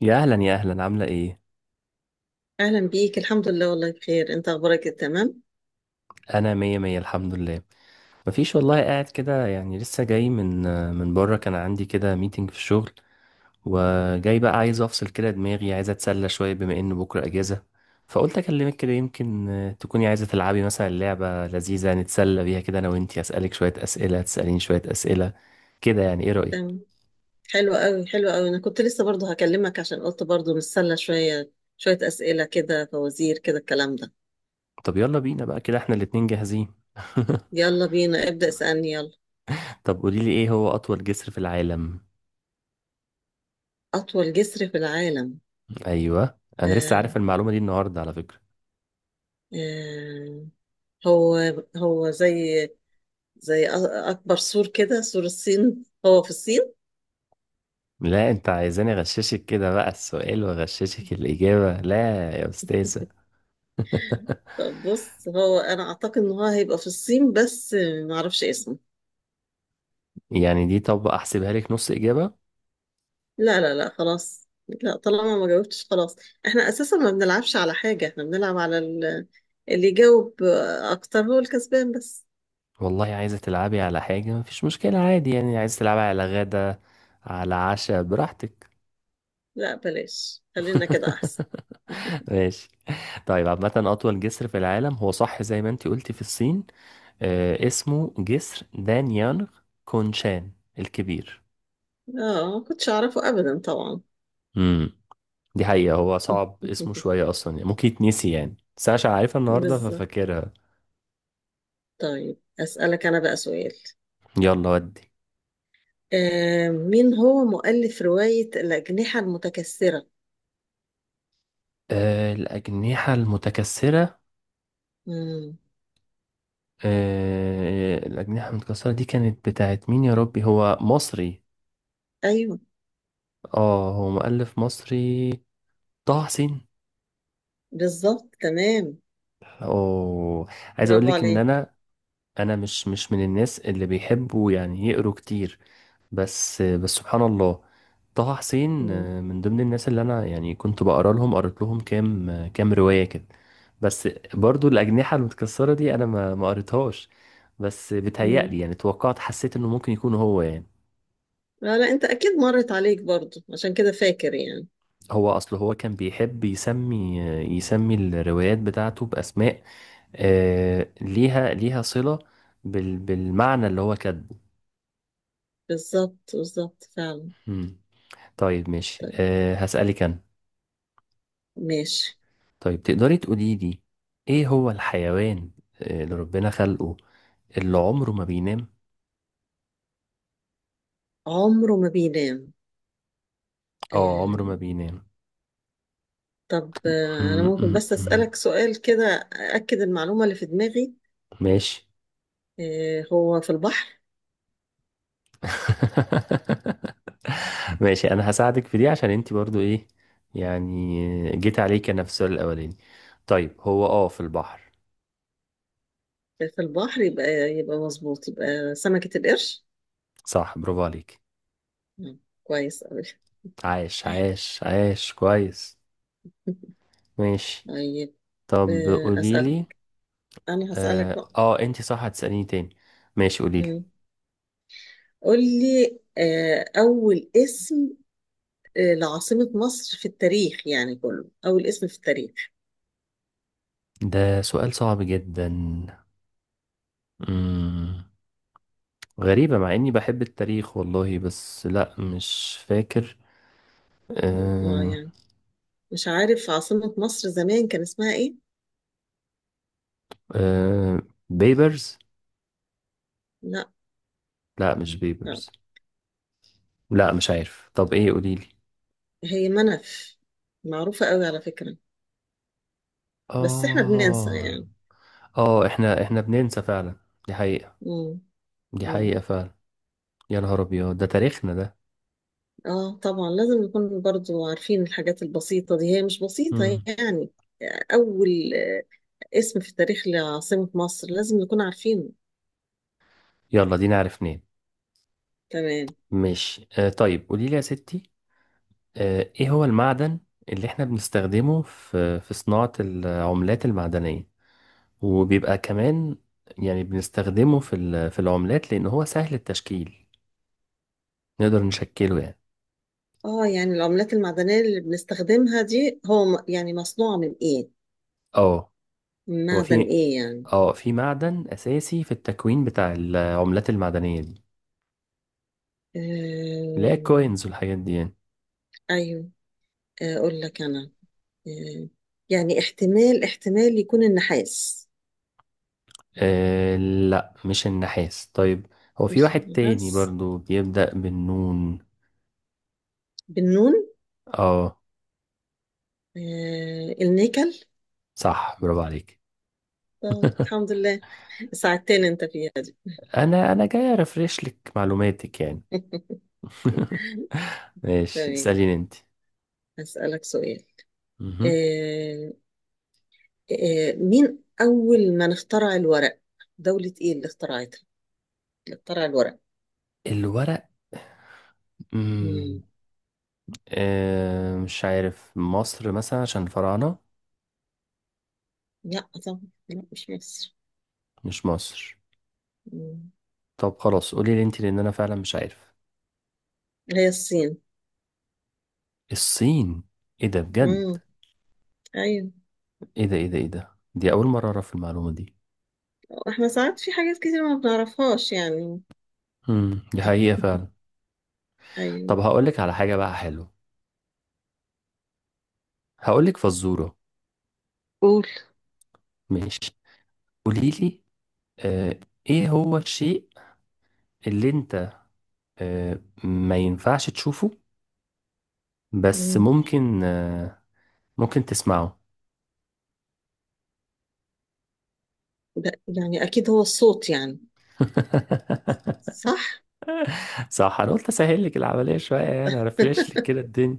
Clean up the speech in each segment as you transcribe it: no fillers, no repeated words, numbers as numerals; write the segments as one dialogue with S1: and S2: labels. S1: يا اهلا يا اهلا، عامله ايه؟
S2: أهلا بيك. الحمد لله والله بخير. أنت أخبارك إيه؟ تمام
S1: انا مية مية الحمد لله. مفيش والله، قاعد كده يعني لسه جاي من بره. كان عندي كده ميتنج في الشغل، وجاي بقى عايز افصل كده دماغي، عايز اتسلى شويه بما ان بكره اجازه. فقلت اكلمك كده، يمكن تكوني عايزه تلعبي مثلا لعبه لذيذه نتسلى بيها كده، انا وانتي اسالك شويه اسئله تساليني شويه اسئله كده. يعني ايه رايك؟
S2: تمام. حلو قوي حلو قوي. أنا كنت لسه برضو هكلمك عشان قلت برضو نتسلى شوية. شوية أسئلة كده، فوازير كده الكلام ده.
S1: طب يلا بينا بقى، كده احنا الاتنين جاهزين.
S2: يلا بينا، ابدأ اسألني يلا.
S1: طب قوليلي، ايه هو اطول جسر في العالم؟
S2: أطول جسر في العالم؟
S1: ايوه انا لسه عارف
S2: آه
S1: المعلومه دي النهارده على فكره.
S2: آه، هو هو زي أ- أكبر سور كده، سور الصين، هو في الصين.
S1: لا انت عايزاني اغششك كده بقى؟ السؤال واغششك الاجابه؟ لا يا استاذه.
S2: طب بص، هو أنا أعتقد إن هو هيبقى في الصين، بس معرفش اسمه.
S1: يعني دي، طب احسبها لك نص اجابه.
S2: لا لا لا، خلاص، لا طالما ما جاوبتش خلاص. احنا اساسا ما بنلعبش على حاجة، احنا بنلعب على اللي يجاوب اكتر هو الكسبان بس.
S1: والله عايزه تلعبي على حاجه مفيش مشكله عادي، يعني عايزه تلعبي على غدا، على عشاء، براحتك.
S2: لا بلاش، خلينا كده احسن.
S1: ماشي. طيب عامه، اطول جسر في العالم هو صح زي ما انت قلتي في الصين. آه اسمه جسر دانيانغ كونشان الكبير.
S2: اه، ما كنتش اعرفه ابدا طبعا.
S1: مم. دي حقيقة، هو صعب اسمه شوية أصلا يعني، ممكن يتنسي يعني، بس أنا عشان عارفها النهاردة
S2: بالظبط.
S1: ففاكرها.
S2: طيب اسألك انا بقى سؤال.
S1: يلا ودي.
S2: آه، مين هو مؤلف رواية الأجنحة المتكسرة؟
S1: آه الأجنحة المتكسرة.
S2: مم.
S1: آه الأجنحة المتكسرة دي كانت بتاعت مين يا ربي؟ هو مصري.
S2: ايوه
S1: اه هو مؤلف مصري، طه حسين.
S2: بالظبط تمام.
S1: أوه، عايز
S2: برافو
S1: أقولك إن
S2: عليك.
S1: أنا، أنا مش من الناس اللي بيحبوا يعني يقروا كتير. بس سبحان الله، طه حسين
S2: مم.
S1: من ضمن الناس اللي انا يعني كنت بقرا لهم، قريت لهم كام كام روايه كده. بس برضو الاجنحه المتكسره دي انا ما قريتهاش، بس
S2: مم.
S1: بتهيألي يعني توقعت، حسيت انه ممكن يكون هو يعني.
S2: لا لا، انت اكيد مرت عليك برضو عشان كده فاكر يعني.
S1: هو اصل هو كان بيحب يسمي يسمي الروايات بتاعته باسماء ليها صله بالمعنى اللي هو كاتبه.
S2: بالظبط بالظبط فعلا.
S1: مم. طيب ماشي،
S2: طيب
S1: هسألك انا.
S2: ماشي.
S1: طيب تقدري تقولي لي، ايه هو الحيوان اللي ربنا خلقه اللي عمره ما بينام؟
S2: عمره ما بينام؟
S1: اه عمره
S2: آه
S1: ما بينام.
S2: طب انا ممكن بس
S1: م.
S2: اسالك سؤال كده اكد المعلومه اللي في دماغي.
S1: ماشي.
S2: آه، هو في البحر؟
S1: ماشي، انا هساعدك في دي عشان انت برضو ايه، يعني جيت عليك انا في السؤال الاولاني. طيب هو اه في البحر.
S2: في البحر يبقى، يبقى مظبوط، يبقى سمكه القرش.
S1: صح، برافو عليك.
S2: مم، كويس قوي.
S1: عاش عاش عاش، كويس. ماشي.
S2: طيب
S1: طب
S2: اسال.
S1: قوليلي.
S2: انا هسالك
S1: اه,
S2: بقى.
S1: آه انت صح هتسأليني تاني. ماشي قوليلي.
S2: مم. قول لي اول اسم، لعاصمة مصر في التاريخ، يعني كله، أول اسم في التاريخ.
S1: ده سؤال صعب جدا. مم. غريبة مع إني بحب التاريخ والله، بس لأ مش فاكر.
S2: اه
S1: أه.
S2: يعني مش عارف عاصمة مصر زمان كان اسمها ايه؟
S1: أه بيبرز.
S2: لا.
S1: لأ مش
S2: لا.
S1: بيبرز. لأ مش عارف، طب إيه قوليلي.
S2: هي منف، معروفة قوي على فكرة. بس احنا بننسى
S1: آه.
S2: يعني.
S1: آه إحنا بننسى فعلا، دي حقيقة،
S2: مم.
S1: دي
S2: مم.
S1: حقيقة فعلا. يا نهار أبيض، ده تاريخنا ده.
S2: اه طبعا، لازم نكون برضو عارفين الحاجات البسيطة دي، هي مش بسيطة
S1: مم.
S2: يعني. أول اسم في التاريخ لعاصمة مصر لازم نكون عارفينه.
S1: يلا دي نعرف منين.
S2: تمام.
S1: ماشي أه، طيب قوليلي يا ستي، ايه هو المعدن اللي احنا بنستخدمه في صناعة العملات المعدنية؟ وبيبقى كمان يعني بنستخدمه في في العملات لان هو سهل التشكيل، نقدر نشكله يعني.
S2: اه يعني العملات المعدنية اللي بنستخدمها دي هو يعني مصنوعة من ايه؟
S1: اه هو
S2: معدن
S1: في،
S2: ايه يعني؟
S1: اه في معدن اساسي في التكوين بتاع العملات المعدنية دي، اللي هي
S2: آه...
S1: الكوينز والحاجات دي يعني.
S2: ايوه. آه، اقول لك انا. آه... يعني احتمال يكون النحاس.
S1: آه لا مش النحاس. طيب هو في
S2: مش
S1: واحد تاني
S2: النحاس؟
S1: برضو بيبدأ بالنون.
S2: بالنون؟
S1: اه
S2: النيكل.
S1: صح، برافو عليك.
S2: آه، الحمد لله، ساعدتني انت فيها دي.
S1: انا جاي ارفرش لك معلوماتك يعني. ماشي
S2: تمام،
S1: اساليني انت.
S2: هسألك سؤال.
S1: مهم.
S2: آه... مين اول من اخترع الورق؟ دولة ايه اللي اخترعتها اللي اخترع الورق؟
S1: الورق. مم.
S2: مم.
S1: آه مش عارف، مصر مثلا عشان الفراعنة.
S2: لا طبعا. لا مش مصر.
S1: مش مصر؟
S2: مم.
S1: طب خلاص قولي لي انت لان انا فعلا مش عارف.
S2: هي الصين.
S1: الصين. ايه ده بجد؟
S2: مم، ايوه.
S1: ايه ده، ايه ده، ايه ده، دي اول مرة اعرف المعلومة دي.
S2: احنا ساعات في حاجات كتير ما بنعرفهاش يعني.
S1: دي حقيقة فعلا.
S2: ايوه.
S1: طب هقول لك على حاجة بقى حلوة، هقول لك فزورة.
S2: قول.
S1: ماشي، قولي لي آه، ايه هو الشيء اللي انت آه، ما ينفعش تشوفه بس
S2: مم.
S1: ممكن ممكن تسمعه؟
S2: ده يعني اكيد هو الصوت يعني، صح؟
S1: صح، انا قلت اسهل لك العمليه شويه يعني ارفرش لك كده الدنيا.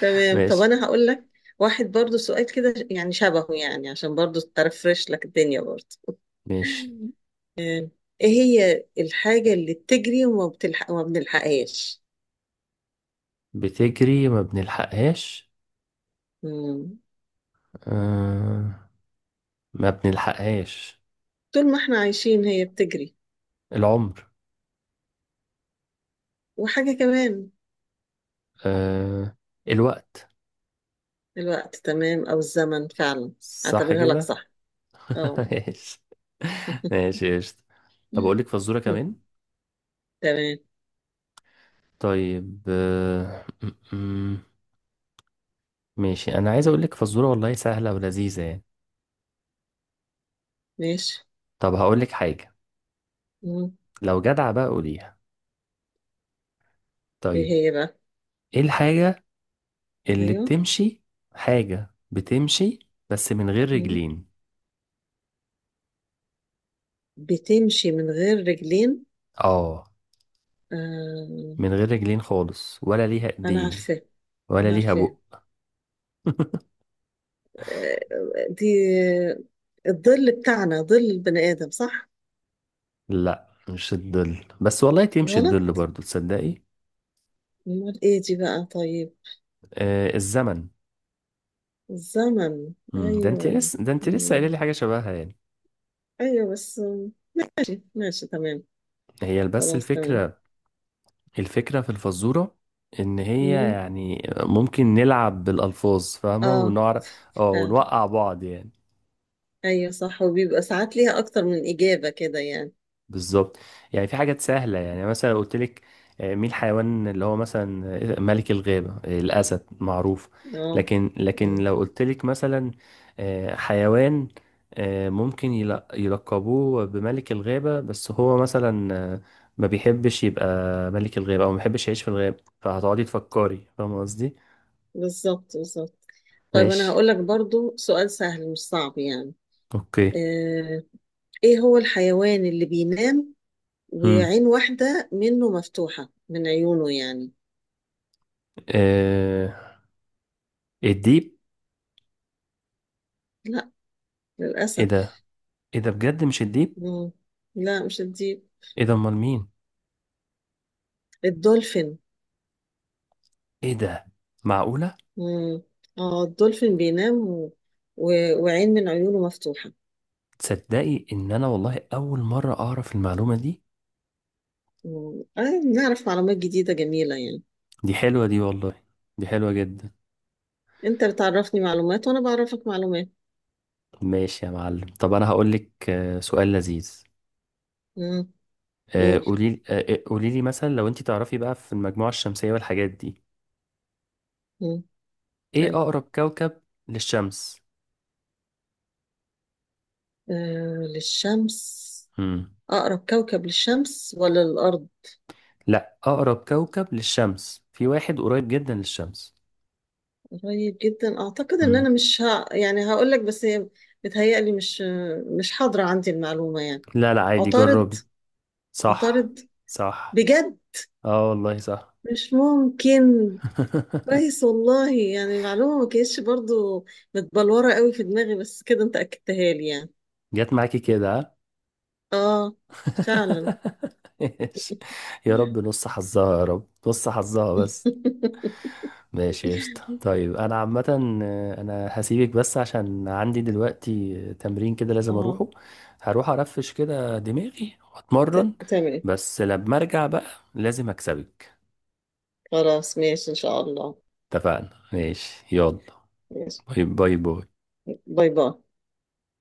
S2: تمام. طب
S1: ماشي
S2: انا هقول لك واحد برضو سؤال كده يعني شبهه، يعني عشان برضو ترفرش لك الدنيا برضو.
S1: ماشي.
S2: ايه هي الحاجة اللي بتجري وما بتلحق وما بنلحقهاش؟
S1: بتجري ما بنلحقهاش.
S2: مم.
S1: آه، ما بنلحقهاش.
S2: طول ما احنا عايشين هي بتجري.
S1: العمر.
S2: وحاجة كمان.
S1: آه، الوقت.
S2: الوقت، تمام، او الزمن فعلا.
S1: صح
S2: اعتبرها لك
S1: كده.
S2: صح. اه.
S1: ماشي، ماشي قشطة. طب اقول لك فزوره كمان.
S2: تمام.
S1: طيب ماشي، انا عايز اقول لك فزوره والله سهله ولذيذه يعني.
S2: ماشي.
S1: طب هقولك حاجة،
S2: مم.
S1: لو جدع بقى قوليها.
S2: ايه
S1: طيب
S2: هي بقى؟
S1: ايه الحاجة اللي
S2: ايوه.
S1: بتمشي، حاجة بتمشي بس من غير
S2: مم.
S1: رجلين؟
S2: بتمشي من غير رجلين؟
S1: اه
S2: آه.
S1: من غير رجلين خالص، ولا ليها
S2: انا
S1: ايدين
S2: عارفاه،
S1: ولا
S2: انا
S1: ليها
S2: عارفاه.
S1: بق.
S2: آه. دي الظل بتاعنا، ظل البني ادم، صح؟
S1: لا مش الظل، بس والله تمشي
S2: غلط؟
S1: الظل برضو تصدقي.
S2: امال ايه دي بقى طيب؟
S1: آه الزمن.
S2: الزمن،
S1: مم، ده انت
S2: ايوه.
S1: لسه ده انت لسه قايله
S2: مم،
S1: لي حاجة شبهها يعني.
S2: ايوه بس. ماشي ماشي تمام.
S1: هي بس
S2: خلاص تمام.
S1: الفكرة، الفكرة في الفزورة ان هي
S2: مم.
S1: يعني ممكن نلعب بالالفاظ، فاهمة؟
S2: اه
S1: ونعرف، اه
S2: فعلا.
S1: ونوقع بعض يعني.
S2: ايوه صح، وبيبقى ساعات ليها اكتر من اجابة كده يعني.
S1: بالظبط. يعني في حاجات سهلة، يعني مثلا قلت لك مين الحيوان اللي هو مثلا ملك الغابة؟ الأسد معروف.
S2: اه.
S1: لكن لو قلت لك مثلا حيوان ممكن يلقبوه بملك الغابة بس هو مثلا آه، ما بيحبش يبقى ملك الغابة أو ما بيحبش يعيش في الغابة، فهتقعدي تفكري، فاهمة قصدي؟
S2: بالظبط بالظبط. طيب انا
S1: ماشي،
S2: هقول لك برضو سؤال سهل مش صعب يعني.
S1: اوكي.
S2: آه، ايه هو الحيوان اللي بينام
S1: امم
S2: وعين واحدة منه مفتوحة، من عيونه يعني؟
S1: آه، الديب.
S2: لا،
S1: ايه
S2: للأسف.
S1: ده؟ ايه ده بجد، مش الديب؟
S2: مم. لا مش الديب.
S1: ايه ده امال مين؟
S2: الدولفين.
S1: ايه ده؟ معقولة؟
S2: مم، اه الدولفين بينام و... وعين من عيونه مفتوحة.
S1: تصدقي ان انا والله اول مره اعرف المعلومه دي.
S2: مم. آه، نعرف معلومات جديدة جميلة يعني.
S1: دي حلوه دي والله، دي حلوه جدا.
S2: انت بتعرفني معلومات وانا بعرفك معلومات.
S1: ماشي يا معلم. طب انا هقول لك سؤال لذيذ.
S2: مم. قول.
S1: قولي قولي لي مثلا، لو انت تعرفي بقى في المجموعه الشمسيه والحاجات دي،
S2: مم.
S1: ايه
S2: أيوة.
S1: اقرب كوكب للشمس؟
S2: آه، للشمس؟
S1: امم.
S2: أقرب كوكب للشمس ولا للأرض؟
S1: لا اقرب كوكب للشمس، في واحد قريب جدا للشمس.
S2: قريب جدا، أعتقد إن أنا
S1: امم.
S2: مش ها يعني هقول لك، بس هي بتهيألي مش حاضرة عندي المعلومة يعني.
S1: لا لا عادي،
S2: عطارد؟
S1: جربي. صح.
S2: عطارد؟
S1: صح.
S2: بجد؟
S1: اه والله صح.
S2: مش ممكن. كويس والله، يعني المعلومة ما كانتش برضو متبلورة قوي في دماغي، بس كده أنت أكدتها لي يعني.
S1: جت معاكي كده.
S2: آه، فعلا.
S1: ماشي، يا رب نص حظها، يا رب نص حظها بس. ماشي قشطة. طيب أنا عامة أنا هسيبك بس عشان عندي دلوقتي تمرين كده لازم
S2: آه.
S1: أروحه. هروح أرفش كده دماغي وأتمرن،
S2: ت- تمام.
S1: بس لما أرجع بقى لازم أكسبك.
S2: خلاص ماشي إن شاء الله.
S1: اتفقنا، ماشي يلا.
S2: ماشي.
S1: باي باي باي.
S2: باي باي.